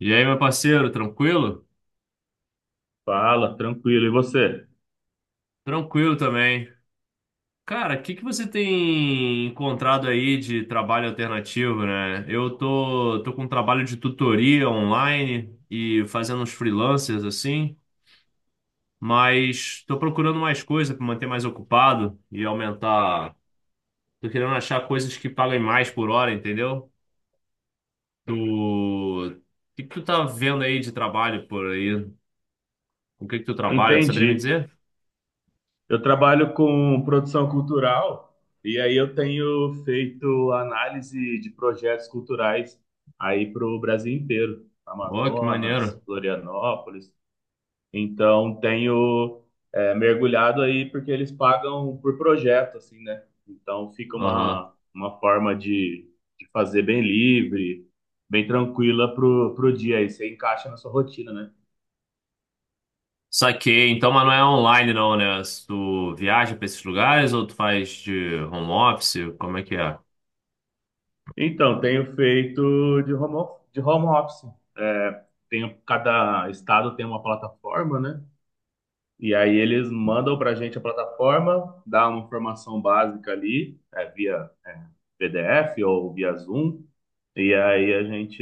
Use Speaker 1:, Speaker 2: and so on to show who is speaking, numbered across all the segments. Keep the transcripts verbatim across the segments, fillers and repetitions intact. Speaker 1: E aí, meu parceiro, tranquilo?
Speaker 2: Fala, tranquilo. E você?
Speaker 1: Tranquilo também. Cara, o que que você tem encontrado aí de trabalho alternativo, né? Eu tô, tô com um trabalho de tutoria online e fazendo uns freelancers assim, mas tô procurando mais coisa para manter mais ocupado e aumentar. Tô querendo achar coisas que paguem mais por hora, entendeu? Tu... O que que tu tá vendo aí de trabalho por aí? O que que tu trabalha? Tu saberia me
Speaker 2: Entendi.
Speaker 1: dizer?
Speaker 2: Eu trabalho com produção cultural e aí eu tenho feito análise de projetos culturais aí para o Brasil inteiro,
Speaker 1: Ó, que
Speaker 2: Amazonas,
Speaker 1: maneiro.
Speaker 2: Florianópolis. Então tenho é, mergulhado aí porque eles pagam por projeto, assim, né? Então fica
Speaker 1: Aham.
Speaker 2: uma, uma forma de, de fazer bem livre, bem tranquila pro, pro dia. Aí você encaixa na sua rotina, né?
Speaker 1: Saquei. Então, mas não é online não, né? Se tu viaja pra esses lugares ou tu faz de home office? Como é que é?
Speaker 2: Então, tenho feito de home, of- de home office. É, Tenho, cada estado tem uma plataforma, né? E aí eles mandam para a gente a plataforma, dá uma informação básica ali, é, via P D F ou via Zoom, e aí a gente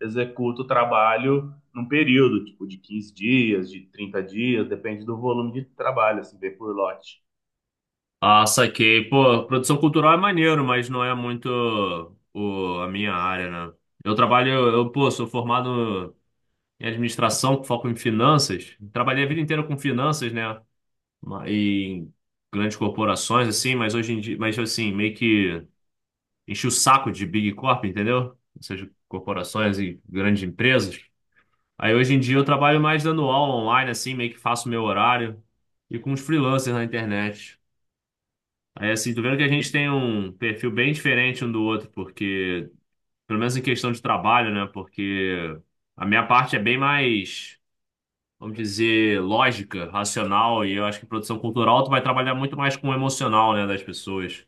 Speaker 2: executa o trabalho num período, tipo, de quinze dias, de trinta dias, depende do volume de trabalho, assim, vem por lote.
Speaker 1: Ah, saquei. Pô, produção cultural é maneiro, mas não é muito o, a minha área, né? Eu trabalho, eu, pô, sou formado em administração, com foco em finanças. Trabalhei a vida inteira com finanças, né? Ma- E em grandes corporações, assim, mas hoje em dia, mas assim, meio que enchi o saco de Big Corp, entendeu? Ou seja, corporações e grandes empresas. Aí hoje em dia eu trabalho mais dando aula online, assim, meio que faço meu horário e com os freelancers na internet. Aí assim, tu vendo que a gente tem um perfil bem diferente um do outro, porque, pelo menos em questão de trabalho, né? Porque a minha parte é bem mais, vamos dizer, lógica, racional, e eu acho que produção cultural tu vai trabalhar muito mais com o emocional, né, das pessoas.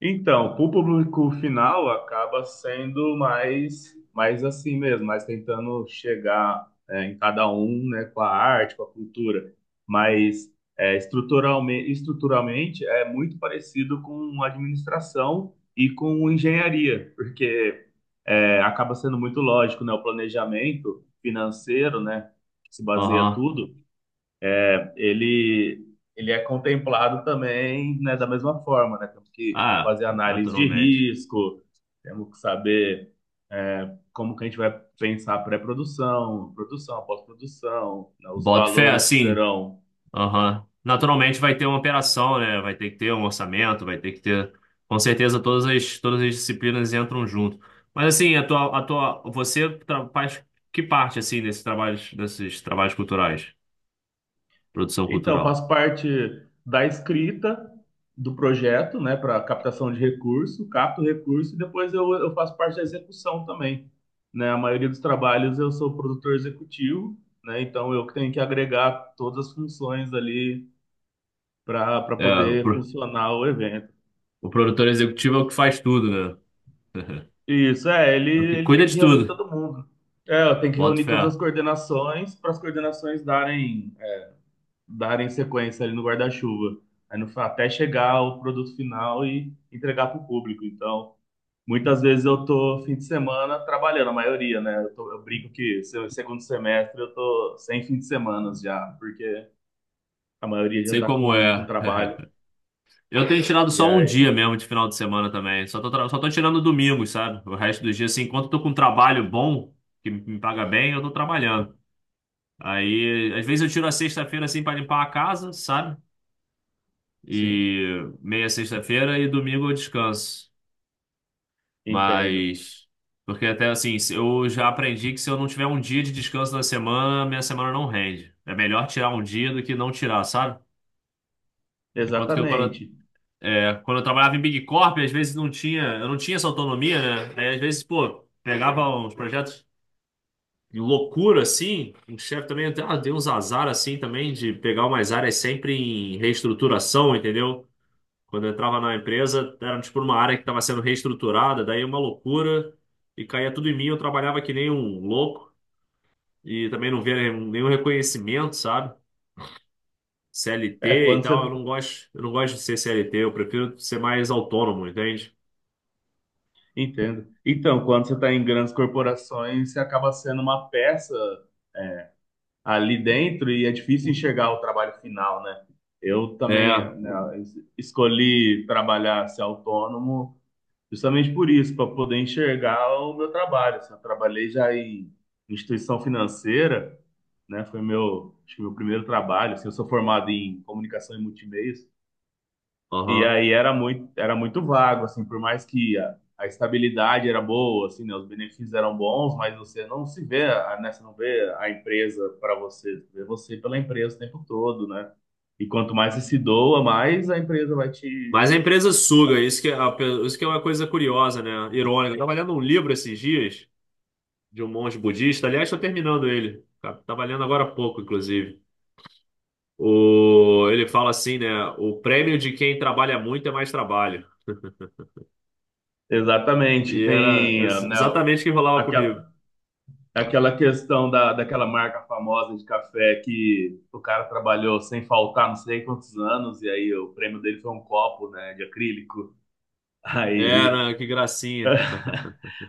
Speaker 2: Então, para o público final acaba sendo mais, mais assim mesmo, mais tentando chegar é, em cada um, né, com a arte, com a cultura, mas é, estruturalmente, estruturalmente é muito parecido com administração e com engenharia, porque é, acaba sendo muito lógico, né, o planejamento financeiro, né, que se baseia
Speaker 1: Aham.
Speaker 2: tudo é, ele, Ele é contemplado também, né, da mesma forma, né? Temos que
Speaker 1: Ah,
Speaker 2: fazer análise de
Speaker 1: naturalmente.
Speaker 2: risco, temos que saber é, como que a gente vai pensar pré-produção, produção, pós-produção, né, os
Speaker 1: Boto fé,
Speaker 2: valores que
Speaker 1: assim.
Speaker 2: serão.
Speaker 1: Aham. Naturalmente vai ter uma operação, né? Vai ter que ter um orçamento, vai ter que ter. Com certeza todas as, todas as disciplinas entram junto. Mas assim, a tua, a tua, você tra- faz que parte assim desses trabalhos, desses trabalhos culturais, produção
Speaker 2: Então, eu
Speaker 1: cultural?
Speaker 2: faço parte da escrita do projeto, né, para captação de recurso, capto recurso e depois eu, eu faço parte da execução também, né? A maioria dos trabalhos eu sou produtor executivo, né? Então eu que tenho que agregar todas as funções ali para para
Speaker 1: É, o
Speaker 2: poder
Speaker 1: pro-
Speaker 2: funcionar o evento.
Speaker 1: o produtor executivo é o que faz tudo, né?
Speaker 2: Isso, é, ele,
Speaker 1: O que
Speaker 2: ele
Speaker 1: cuida
Speaker 2: tem que
Speaker 1: de tudo.
Speaker 2: reunir todo mundo. É, eu tenho que
Speaker 1: Bota
Speaker 2: reunir
Speaker 1: fé.
Speaker 2: todas as coordenações para as coordenações darem darem sequência ali no guarda-chuva. Aí no- Até chegar ao produto final e entregar para o público. Então, muitas vezes eu tô fim de semana trabalhando, a maioria, né? Eu, tô- eu brinco que se- segundo semestre eu tô sem fim de semana já, porque a maioria já
Speaker 1: Sei
Speaker 2: tá
Speaker 1: como
Speaker 2: com, com
Speaker 1: é.
Speaker 2: trabalho.
Speaker 1: Eu tenho tirado
Speaker 2: E
Speaker 1: só um
Speaker 2: aí,
Speaker 1: dia mesmo de final de semana também. Só tô, tra- só tô tirando domingos, sabe? O resto dos dias, assim, enquanto eu tô com um trabalho bom, que me me paga bem, eu tô trabalhando. Aí, às vezes eu tiro a sexta-feira, assim, pra limpar a casa, sabe?
Speaker 2: sim,
Speaker 1: E meia sexta-feira e domingo eu descanso.
Speaker 2: entendo.
Speaker 1: Mas, porque até assim, se- eu já aprendi que se eu não tiver um dia de descanso na semana, minha semana não rende. É melhor tirar um dia do que não tirar, sabe? Enquanto que eu, quando
Speaker 2: Exatamente.
Speaker 1: É, quando eu trabalhava em Big Corp, às vezes não tinha, eu não tinha essa autonomia, né? Aí, às vezes, pô, pegava uns projetos de loucura, assim, o chefe também até, ah, deu uns azar, assim, também, de pegar umas áreas sempre em reestruturação, entendeu? Quando eu entrava na empresa, era, tipo, uma área que estava sendo reestruturada, daí uma loucura, e caía tudo em mim, eu trabalhava que nem um louco, e também não via nenhum nenhum reconhecimento, sabe? C L T
Speaker 2: É,
Speaker 1: e
Speaker 2: quando
Speaker 1: tal, eu não
Speaker 2: você.
Speaker 1: gosto, eu não gosto de ser C L T, eu prefiro ser mais autônomo, entende?
Speaker 2: Entendo. Então, quando você está em grandes corporações, você acaba sendo uma peça ali dentro e é difícil enxergar o trabalho final, né? Eu também
Speaker 1: É,
Speaker 2: né, es- escolhi trabalhar ser autônomo justamente por isso, para poder enxergar o meu trabalho. Assim, eu trabalhei já em instituição financeira, né? Foi meu, acho que meu primeiro trabalho. Assim, eu sou formado em comunicação e multimeios, e
Speaker 1: aham.
Speaker 2: aí era muito, era muito vago, assim, por mais que a, a estabilidade era boa, assim, né, os benefícios eram bons, mas você não se vê, a- né, você não vê a empresa para você, você vê você pela empresa o tempo todo, né? E quanto mais você se doa, mais a empresa vai te...
Speaker 1: Mas a empresa suga, isso que, é a pe- isso que é uma coisa curiosa, né? Irônica. Eu tava lendo um livro esses dias de um monge budista. Aliás, estou terminando ele. Tá- Tava lendo agora há pouco, inclusive. O, ele fala assim, né? O prêmio de quem trabalha muito é mais trabalho.
Speaker 2: Exatamente,
Speaker 1: E era
Speaker 2: tem, ah,
Speaker 1: ex-
Speaker 2: né,
Speaker 1: exatamente o que rolava comigo.
Speaker 2: aquela, aquela questão da, daquela marca famosa de café que o cara trabalhou sem faltar não sei quantos anos, e aí o prêmio dele foi um copo, né, de acrílico. Aí
Speaker 1: Era, que gracinha.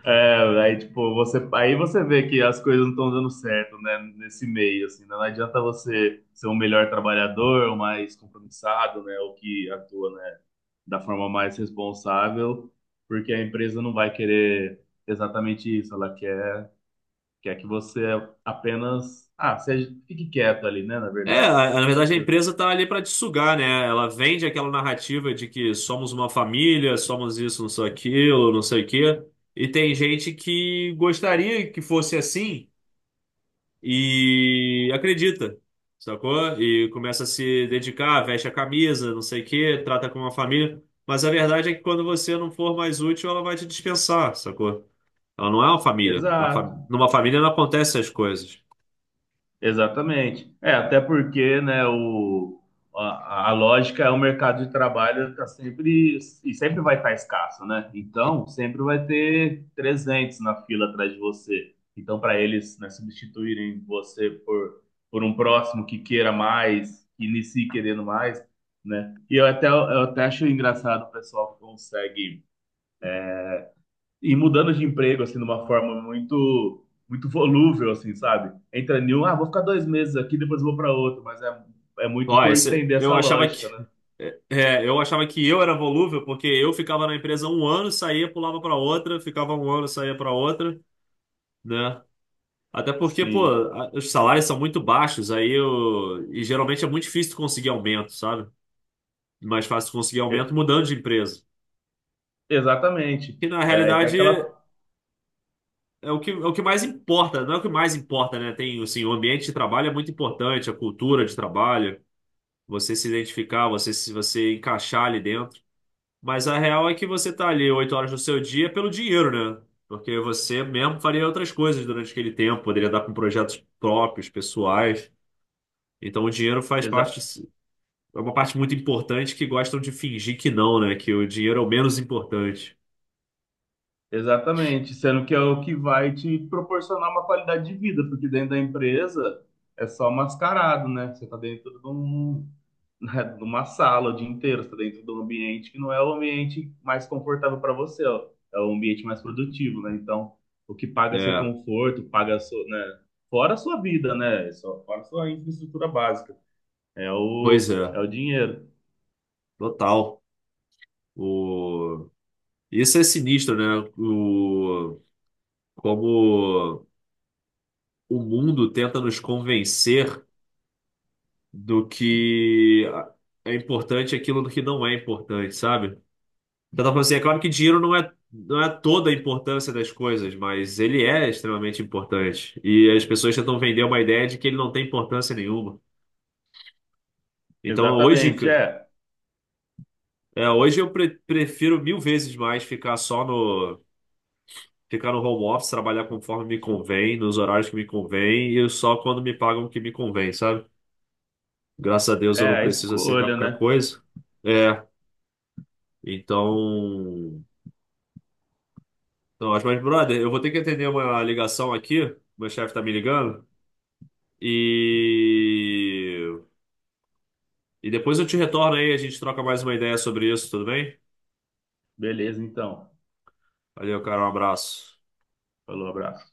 Speaker 2: É, Aí, tipo, você, aí você vê que as coisas não estão dando certo, né, nesse meio, assim, né? Não adianta você ser um melhor trabalhador, o mais compromissado, né, o que atua, né, da forma mais responsável, porque a empresa não vai querer exatamente isso, ela quer, quer que você apenas, ah, seja, fique quieto ali, né, na
Speaker 1: É,
Speaker 2: verdade.
Speaker 1: a- a- na verdade a empresa tá ali para te sugar, né? Ela vende aquela narrativa de que somos uma família, somos isso, não sei aquilo, não sei o quê. E tem gente que gostaria que fosse assim e acredita, sacou? E começa a se dedicar, veste a camisa, não sei o quê, trata como uma família. Mas a verdade é que quando você não for mais útil, ela vai te dispensar, sacou? Ela não é uma família. Na fa-
Speaker 2: Exato.
Speaker 1: Numa família não acontecem as coisas.
Speaker 2: Exatamente. É, até porque, né, o, a, a lógica é o mercado de trabalho está sempre e sempre vai estar escasso, né? Então, sempre vai ter trezentos na fila atrás de você. Então, para eles, né, substituírem você por, por um próximo que queira mais, que inicie querendo mais, né? E eu até, eu até acho engraçado o pessoal que consegue e mudando de emprego, assim, de uma forma muito, muito volúvel, assim, sabe? Entra em um, ah, vou ficar dois meses aqui, depois vou para outro, mas é, é muito
Speaker 1: Ó,
Speaker 2: por
Speaker 1: esse,
Speaker 2: entender
Speaker 1: eu
Speaker 2: essa
Speaker 1: achava
Speaker 2: lógica,
Speaker 1: que
Speaker 2: né?
Speaker 1: é, é, eu achava que eu era volúvel porque eu ficava na empresa um ano, saía, pulava para outra, ficava um ano, saía para outra, né? Até porque, pô,
Speaker 2: Sim,
Speaker 1: a- os salários são muito baixos, aí eu, e geralmente é muito difícil tu conseguir aumento, sabe? Mais fácil tu conseguir
Speaker 2: E-
Speaker 1: aumento mudando de empresa.
Speaker 2: exatamente.
Speaker 1: Que na
Speaker 2: Aí tem
Speaker 1: realidade
Speaker 2: aquela.
Speaker 1: é o que, é o que mais importa, não é o que mais importa, né? Tem, assim, o ambiente de trabalho é muito importante, a cultura de trabalho, você se identificar, você se você encaixar ali dentro. Mas a real é que você tá ali oito horas do seu dia pelo dinheiro, né? Porque você mesmo faria outras coisas durante aquele tempo, poderia dar com projetos próprios, pessoais. Então o dinheiro faz parte, é uma parte muito importante que gostam de fingir que não, né? Que o dinheiro é o menos importante.
Speaker 2: Exatamente, sendo que é o que vai te proporcionar uma qualidade de vida, porque dentro da empresa é só mascarado, né? Você está dentro de, um, né, de uma sala o dia inteiro, você está dentro de um ambiente que não é o ambiente mais confortável para você, ó. É o ambiente mais produtivo, né? Então, o que paga seu
Speaker 1: É,
Speaker 2: conforto, paga seu, né? Fora a sua vida, né? É Só- Fora a sua infraestrutura básica. É o,
Speaker 1: pois é,
Speaker 2: é o dinheiro.
Speaker 1: total. O... Isso é sinistro, né? O... como o mundo tenta nos convencer do que é importante e aquilo do que não é importante, sabe? Eu tava falando assim, é claro que dinheiro não é, não é toda a importância das coisas, mas ele é extremamente importante. E as pessoas tentam vender uma ideia de que ele não tem importância nenhuma. Então hoje,
Speaker 2: Exatamente,
Speaker 1: ca-
Speaker 2: é.
Speaker 1: é, hoje eu pre- prefiro mil vezes mais ficar só no, ficar no home office, trabalhar conforme me convém, nos horários que me convém, e só quando me pagam o que me convém, sabe? Graças a Deus eu
Speaker 2: É
Speaker 1: não
Speaker 2: a
Speaker 1: preciso aceitar
Speaker 2: escolha,
Speaker 1: qualquer
Speaker 2: né?
Speaker 1: coisa. É, então. então mas, brother, eu vou ter que atender uma ligação aqui. Meu chefe tá me ligando. E... e depois eu te retorno aí, a gente troca mais uma ideia sobre isso, tudo bem?
Speaker 2: Beleza, então.
Speaker 1: Valeu, cara, um abraço.
Speaker 2: Falou, abraço.